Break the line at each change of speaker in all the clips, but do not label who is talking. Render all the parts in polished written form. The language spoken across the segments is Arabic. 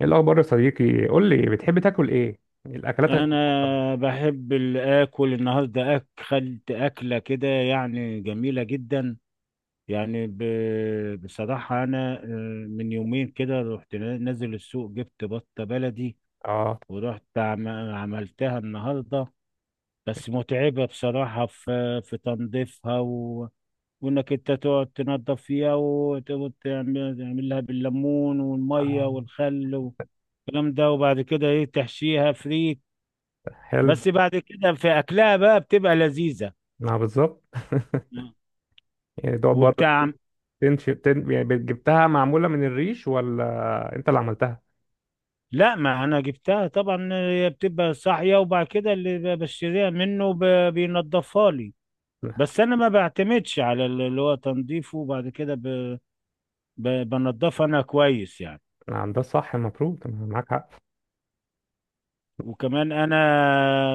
ايه الاخبار يا صديقي؟ قول لي، بتحب تاكل ايه؟ الاكلاتك المفضله؟
انا بحب الاكل النهارده اكلت اكله كده يعني جميله جدا. يعني ب... بصراحه انا من يومين كده رحت نازل السوق جبت بطه بلدي.
اه.
ورحت عملتها النهارده. بس متعبه بصراحه في تنظيفها، وانك انت تقعد تنظف فيها وتعمل لها بالليمون والميه
آه.
والخل والكلام ده. وبعد كده ايه تحشيها فريك.
حلو.
بس بعد كده في اكلها بقى بتبقى لذيذه
ما بالظبط، يعني دوت برضه.
وبتاع.
يعني جبتها معموله من الريش ولا انت اللي عملتها؟
لا، ما انا جبتها طبعا. هي بتبقى صاحيه وبعد كده اللي بشتريها منه بينضفها لي. بس انا ما بعتمدش على اللي هو تنظيفه، وبعد كده بنضفها انا كويس يعني.
نعم، ده الصح المفروض، أنا معاك حق.
وكمان انا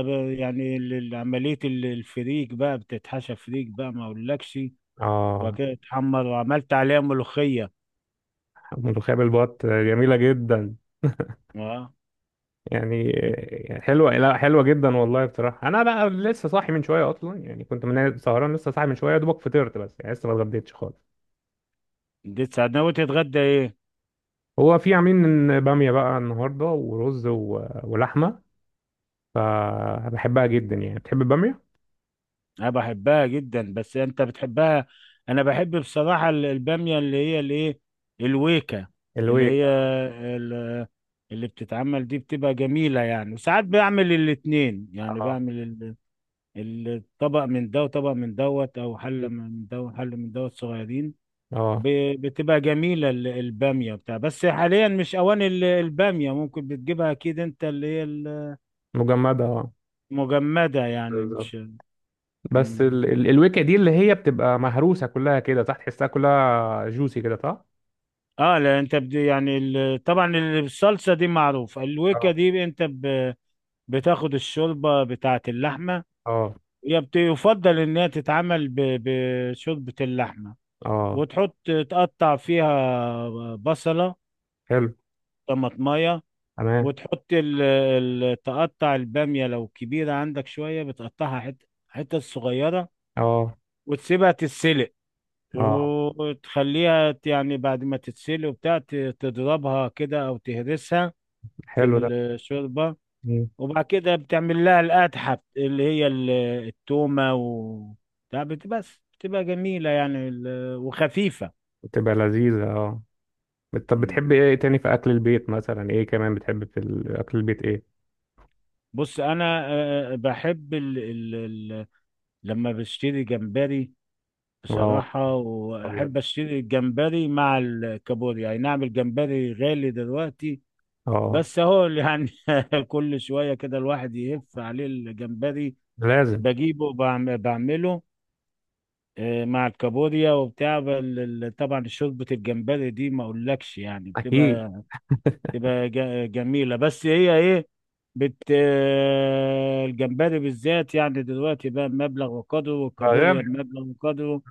يعني عمليه الفريك بقى بتتحشى فريك بقى ما اقولكش. وبعد
اه.
كده تحمر وعملت عليها ملوخيه.
ملوخيه بالبط جميله جدا.
اه،
يعني يعني حلوه، لا حلوه جدا والله. بصراحه انا بقى لسه صاحي من شويه اصلا، يعني كنت من سهران، لسه صاحي من شويه، يا دوبك فطرت، بس يعني لسه ما اتغديتش خالص.
دي ساعدنا وتتغدى ايه؟
هو في عاملين باميه بقى النهارده ورز ولحمه، فبحبها جدا. يعني بتحب البامية؟
انا بحبها جدا بس انت بتحبها. انا بحب بصراحه الباميه اللي هي الايه، الويكه، اللي
الويك.
هي ال- اللي بتتعمل دي بتبقى جميله يعني. وساعات بعمل الاتنين، يعني
اه.
بعمل الطبق من ده وطبق من دوت، او حله من ده وحله من دوت صغيرين.
اه،
بتبقى جميله الباميه بتاع. بس حاليا مش اوان الباميه. ممكن بتجيبها اكيد انت اللي هي
مجمدة، اه.
المجمده، يعني
بالظبط.
مش...
بس الويكة دي، اللي هي بتبقى مهروسة كلها كده، صح؟ تحسها كلها جوسي كده، صح؟
اه لا، انت طبعا الصلصه دي معروف الويكا
اه.
دي. انت بتاخد الشوربه بتاعه اللحمه.
اه.
هي يفضل انها تتعمل بشوربه اللحمه.
اه.
وتحط، تقطع فيها بصله،
حلو.
طماطمايه.
تمام.
وتحط تقطع الباميه لو كبيره عندك شويه، بتقطعها حتت صغيره،
اه.
وتسيبها تتسلق.
اه.
وتخليها يعني بعد ما تتسلق وبتاع تضربها كده او تهرسها في
حلو ده.
الشوربة.
مم.
وبعد كده بتعمل لها القدحة اللي هي التومة و بتاع بس بتبقى جميلة يعني وخفيفة.
بتبقى لذيذة، اه. طب
مم.
بتحب ايه تاني في اكل البيت؟ مثلا ايه كمان بتحب في اكل البيت؟ ايه؟
بص أنا بحب لما بشتري جمبري
اه.
بصراحة.
ابيض.
وأحب أشتري الجمبري مع الكابوريا، يعني نعمل جمبري. غالي دلوقتي
اه.
بس أهو. يعني كل شوية كده الواحد يهف عليه الجمبري،
لازم.
بجيبه وبعمله مع الكابوريا وبتاع طبعا شوربة الجمبري دي ما اقولكش يعني
اكيد.
بتبقى جميلة. بس هي ايه بت آه، الجمبري بالذات يعني دلوقتي بقى مبلغ وقدره، والكابوريا
غالي.
مبلغ وقدره.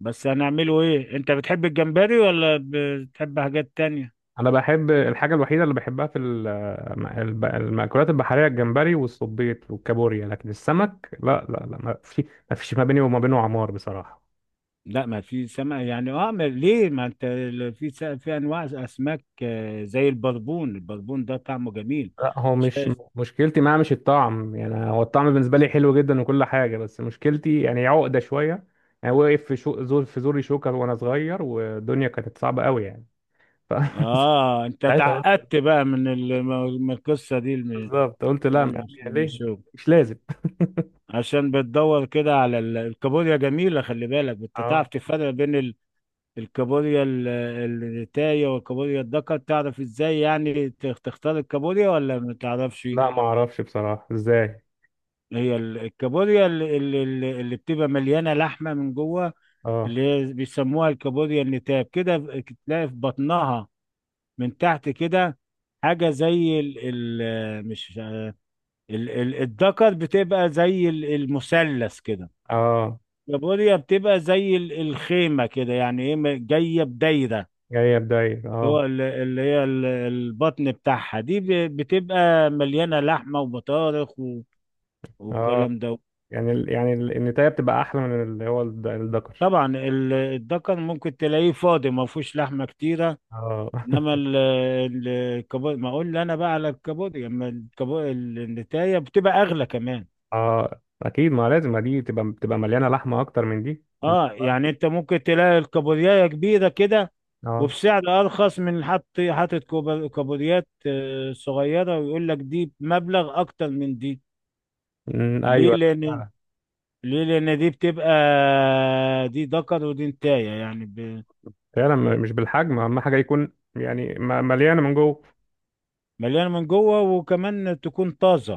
بس هنعمله ايه؟ انت بتحب الجمبري ولا بتحب حاجات تانية؟
انا بحب الحاجه الوحيده اللي بحبها في المأكولات البحريه: الجمبري والصبيط والكابوريا. لكن السمك لا لا لا، ما في، ما فيش ما بيني وما بينه عمار بصراحه.
لا، ما في سمك يعني. اه ليه؟ ما انت في في انواع اسماك زي البربون. البربون ده طعمه جميل.
لا، هو مش مشكلتي معاه مش الطعم، يعني هو الطعم بالنسبه لي حلو جدا وكل حاجه، بس مشكلتي يعني عقده شويه. يعني وقف في شو زور في زوري شوكر وانا صغير، والدنيا كانت صعبه قوي يعني. ف-
اه، انت
ساعتها قلت.
اتعقدت بقى من من القصه دي
بالظبط، قلت لا
من
يعني
من
ليه؟
الشغل.
مش لازم.
عشان بتدور كده على الكابوريا جميله. خلي بالك، انت
اه.
تعرف تفرق بين الكابوريا الريتايه والكابوريا الدكر؟ تعرف ازاي يعني تختار الكابوريا ولا ما تعرفش؟
لا، ما اعرفش بصراحه ازاي.
هي الكابوريا اللي بتبقى مليانه لحمه من جوه،
اه.
اللي هي بيسموها الكابوريا النتاب كده. تلاقي في بطنها من تحت كده حاجه زي ال ال مش، الدكر بتبقى زي المثلث كده.
اه،
البوريا بتبقى زي الخيمة كده، يعني ايه جاية بدايرة.
جاية بداير،
اللي هو
اه.
اللي هي البطن بتاعها دي بتبقى مليانة لحمة وبطارخ
اه.
والكلام ده.
يعني النتاية بتبقى أحلى من اللي هو الدكر.
طبعا الدكر ممكن تلاقيه فاضي، ما فيهوش لحمة كتيرة.
اه.
انما الكابوريا، ما اقول انا بقى على الكابوريا، اما الكابوريا النتايه بتبقى اغلى كمان.
اه أكيد، ما لازم ما دي تبقى بتبقى مليانة لحمة أكتر من دي.
اه يعني انت ممكن تلاقي الكابوريايه كبيره كده،
اه.
وبسعر ارخص من حط حاطط كابوريات صغيره، ويقول لك دي بمبلغ اكتر من دي. ليه
أيوه،
لان
فعلا.
ليه؟ لان دي ذكر ودي نتايه يعني
فعلا، مش بالحجم، أهم حاجة يكون يعني مليانة من جوه.
مليانه من جوه، وكمان تكون طازه.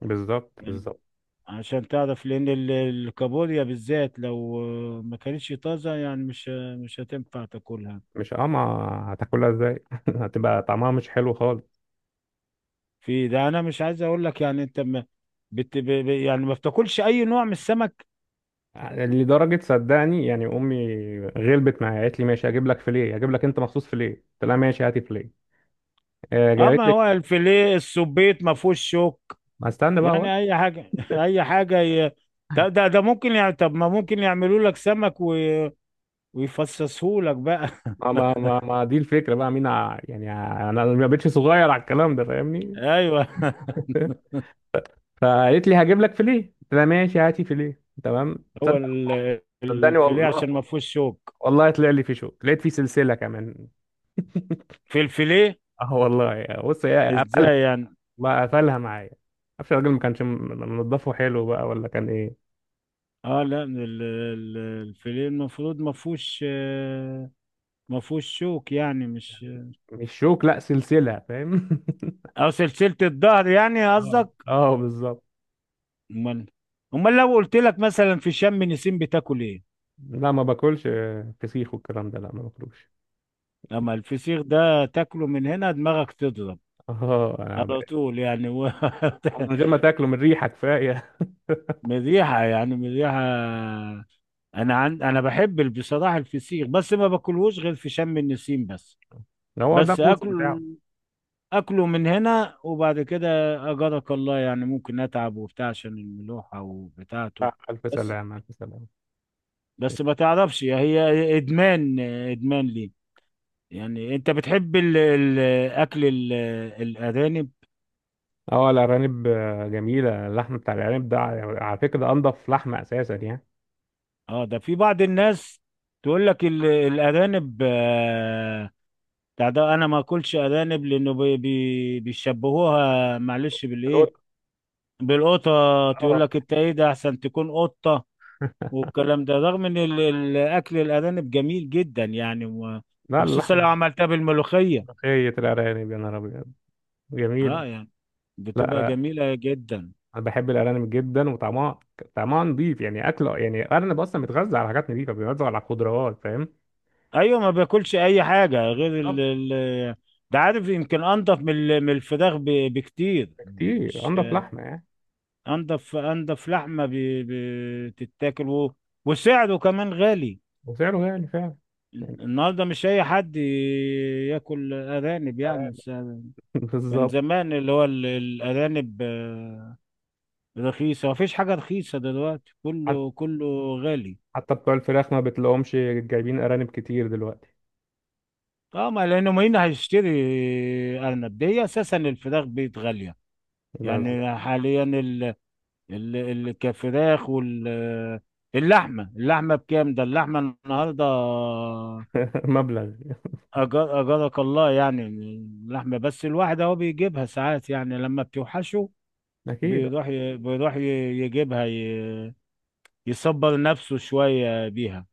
بالظبط
يعني
بالظبط.
عشان تعرف، لان الكابوريا بالذات لو ما كانتش طازه يعني مش هتنفع تاكلها.
مش اه ما، هتاكلها ازاي؟ هتبقى طعمها مش حلو خالص.
في ده، انا مش عايز اقول لك يعني انت ما يعني ما بتاكلش اي نوع من السمك.
لدرجة صدقني يعني أمي غلبت معايا، قالت لي ماشي هجيب لك فيليه، هجيب لك أنت مخصوص فيليه. قلت لها ماشي هاتي فيليه. آه،
اه،
جابت
ما
لي.
هو الفيليه السبيط ما فيهوش شوك.
ما استنى بقى.
يعني اي حاجه اي حاجه ده ممكن يعني. طب ما ممكن يعملوا لك سمك ويفصصوه لك بقى.
ما دي الفكره بقى، مين انا ما بقتش صغير على الكلام ده، فاهمني؟
ايوه
فقالت لي هجيب لك فيليه، قلت لها ماشي هاتي فيليه، تمام.
هو
تصدق؟ صدقني
الفيليه
والله،
عشان ما فيهوش شوك.
والله طلع لي في شوك، لقيت فيه سلسله كمان.
في الفيليه؟
اه والله، بص هي قفلها
ازاي يعني؟
بقى، قفلها معايا. معرفش الراجل ما كانش منضفه حلو بقى، ولا كان ايه.
اه لا، الفيليه المفروض ما فيهوش ما فيهوش شوك، يعني مش
مش شوك لا، سلسله، فاهم؟
او سلسلة الظهر يعني
اه
قصدك.
اه بالظبط.
امال، لو قلت لك مثلا في شم نسيم بتاكل ايه؟
لا ما باكلش فسيخ والكلام ده، لا ما باكلوش.
اما الفسيخ ده تاكله من هنا دماغك تضرب
اه انا
على طول يعني
من غير ما تاكله، من ريحه كفايه.
مذيحة يعني مذيحة. انا بحب بصراحة الفسيخ، بس ما باكلهوش غير في شم النسيم بس.
هو ده
بس
الموسم
اكل،
بتاعه.
اكله من هنا وبعد كده اجرك الله. يعني ممكن اتعب وبتاع عشان الملوحة وبتاعته.
آه، ألف
بس،
سلامة ألف سلامة.
بس ما تعرفش هي ادمان، ادمان ليه. يعني انت بتحب الاكل الارانب؟
اه الأرانب جميلة، اللحم بتاع الأرانب ده، على على فكرة، ده أنضف لحمة أساسا يعني.
اه، ده في بعض الناس تقول لك الارانب بتاع ده، انا ما اكلش ارانب، لانه بي بي بيشبهوها معلش بالايه،
القط.
بالقطه.
اه
تقول لك انت ايه ده، احسن تكون قطه، والكلام ده. رغم ان اكل الارانب جميل جدا يعني
لا،
وخصوصا
اللحم.
لو عملتها بالملوخيه.
ملوخية الأرانب، يا نهار أبيض! جميلة.
اه يعني
لا
بتبقى
لا،
جميله جدا.
أنا بحب الأرانب جدا، وطعمها، طعمها نضيف يعني. أكل، يعني الأرنب أصلا بيتغذى على حاجات نضيفة، بيتغذى على خضروات، فاهم.
ايوه، ما باكلش اي حاجه غير
بالظبط.
ال ال ده. عارف، يمكن انضف من من الفراخ بكتير.
كتير،
مش
أنضف لحمة يعني.
انضف، انضف لحمه بتتاكل، وسعره كمان غالي.
وسعره غالي فعلا. يعني
النهارده مش اي حد ياكل ارانب يعني،
أرانب
كان
بالظبط.
زمان اللي هو الارانب رخيصه. مفيش حاجه رخيصه دلوقتي،
حت-
كله كله غالي.
حتى بتوع الفراخ ما بتلاقوهمش، جايبين أرانب كتير دلوقتي.
اه، ما لانه مين هيشتري ارنب؟ دي اساسا الفراخ بقت غاليه
بس
يعني حاليا. ال- الكفراخ وال اللحمة اللحمة بكام ده؟ اللحمة النهاردة...
مبلغ.
أجرك الله يعني اللحمة. بس الواحد أهو بيجيبها ساعات يعني لما بتوحشه.
اكيد.
بيروح يجيبها ي... يصبر نفسه شوية بيها.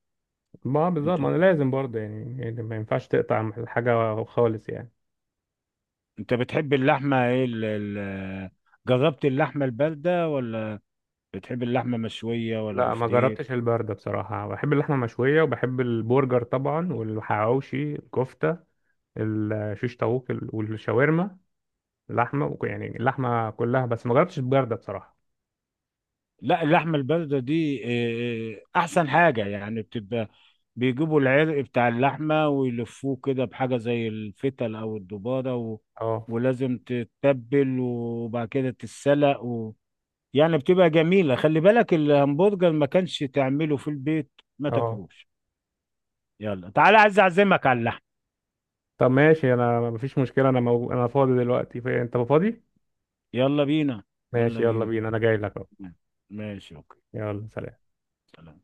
ما
أنت
بالظبط، ما انا لازم برضه، يعني يعني ما ينفعش تقطع الحاجه خالص يعني.
أنت بتحب اللحمة إيه جربت اللحمة الباردة، ولا بتحب اللحمة مشوية، ولا
لا ما
بفتيك؟
جربتش البرده بصراحه. بحب اللحمه المشويه وبحب البرجر طبعا، والحواوشي، الكفته، الشيش طاووق والشاورما. اللحمه يعني اللحمه كلها، بس ما جربتش البرده بصراحه.
لا، اللحمة الباردة دي أحسن حاجة يعني. بتبقى، بيجيبوا العرق بتاع اللحمة ويلفوه كده بحاجة زي الفتل أو الدبارة
اه.
ولازم تتبل وبعد كده تتسلق يعني بتبقى جميلة. خلي بالك، الهمبرجر ما كانش تعمله في البيت ما
اه.
تاكلوش. يلا تعالى، عايز أعزمك على اللحم.
طب ماشي، انا ما فيش مشكله، انا انا فاضي دلوقتي. انت فاضي؟
يلا بينا. يلا
ماشي يلا
بينا.
بينا، انا جاي لك اهو.
ماشي، أوكي.
يلا، سلام.
سلام.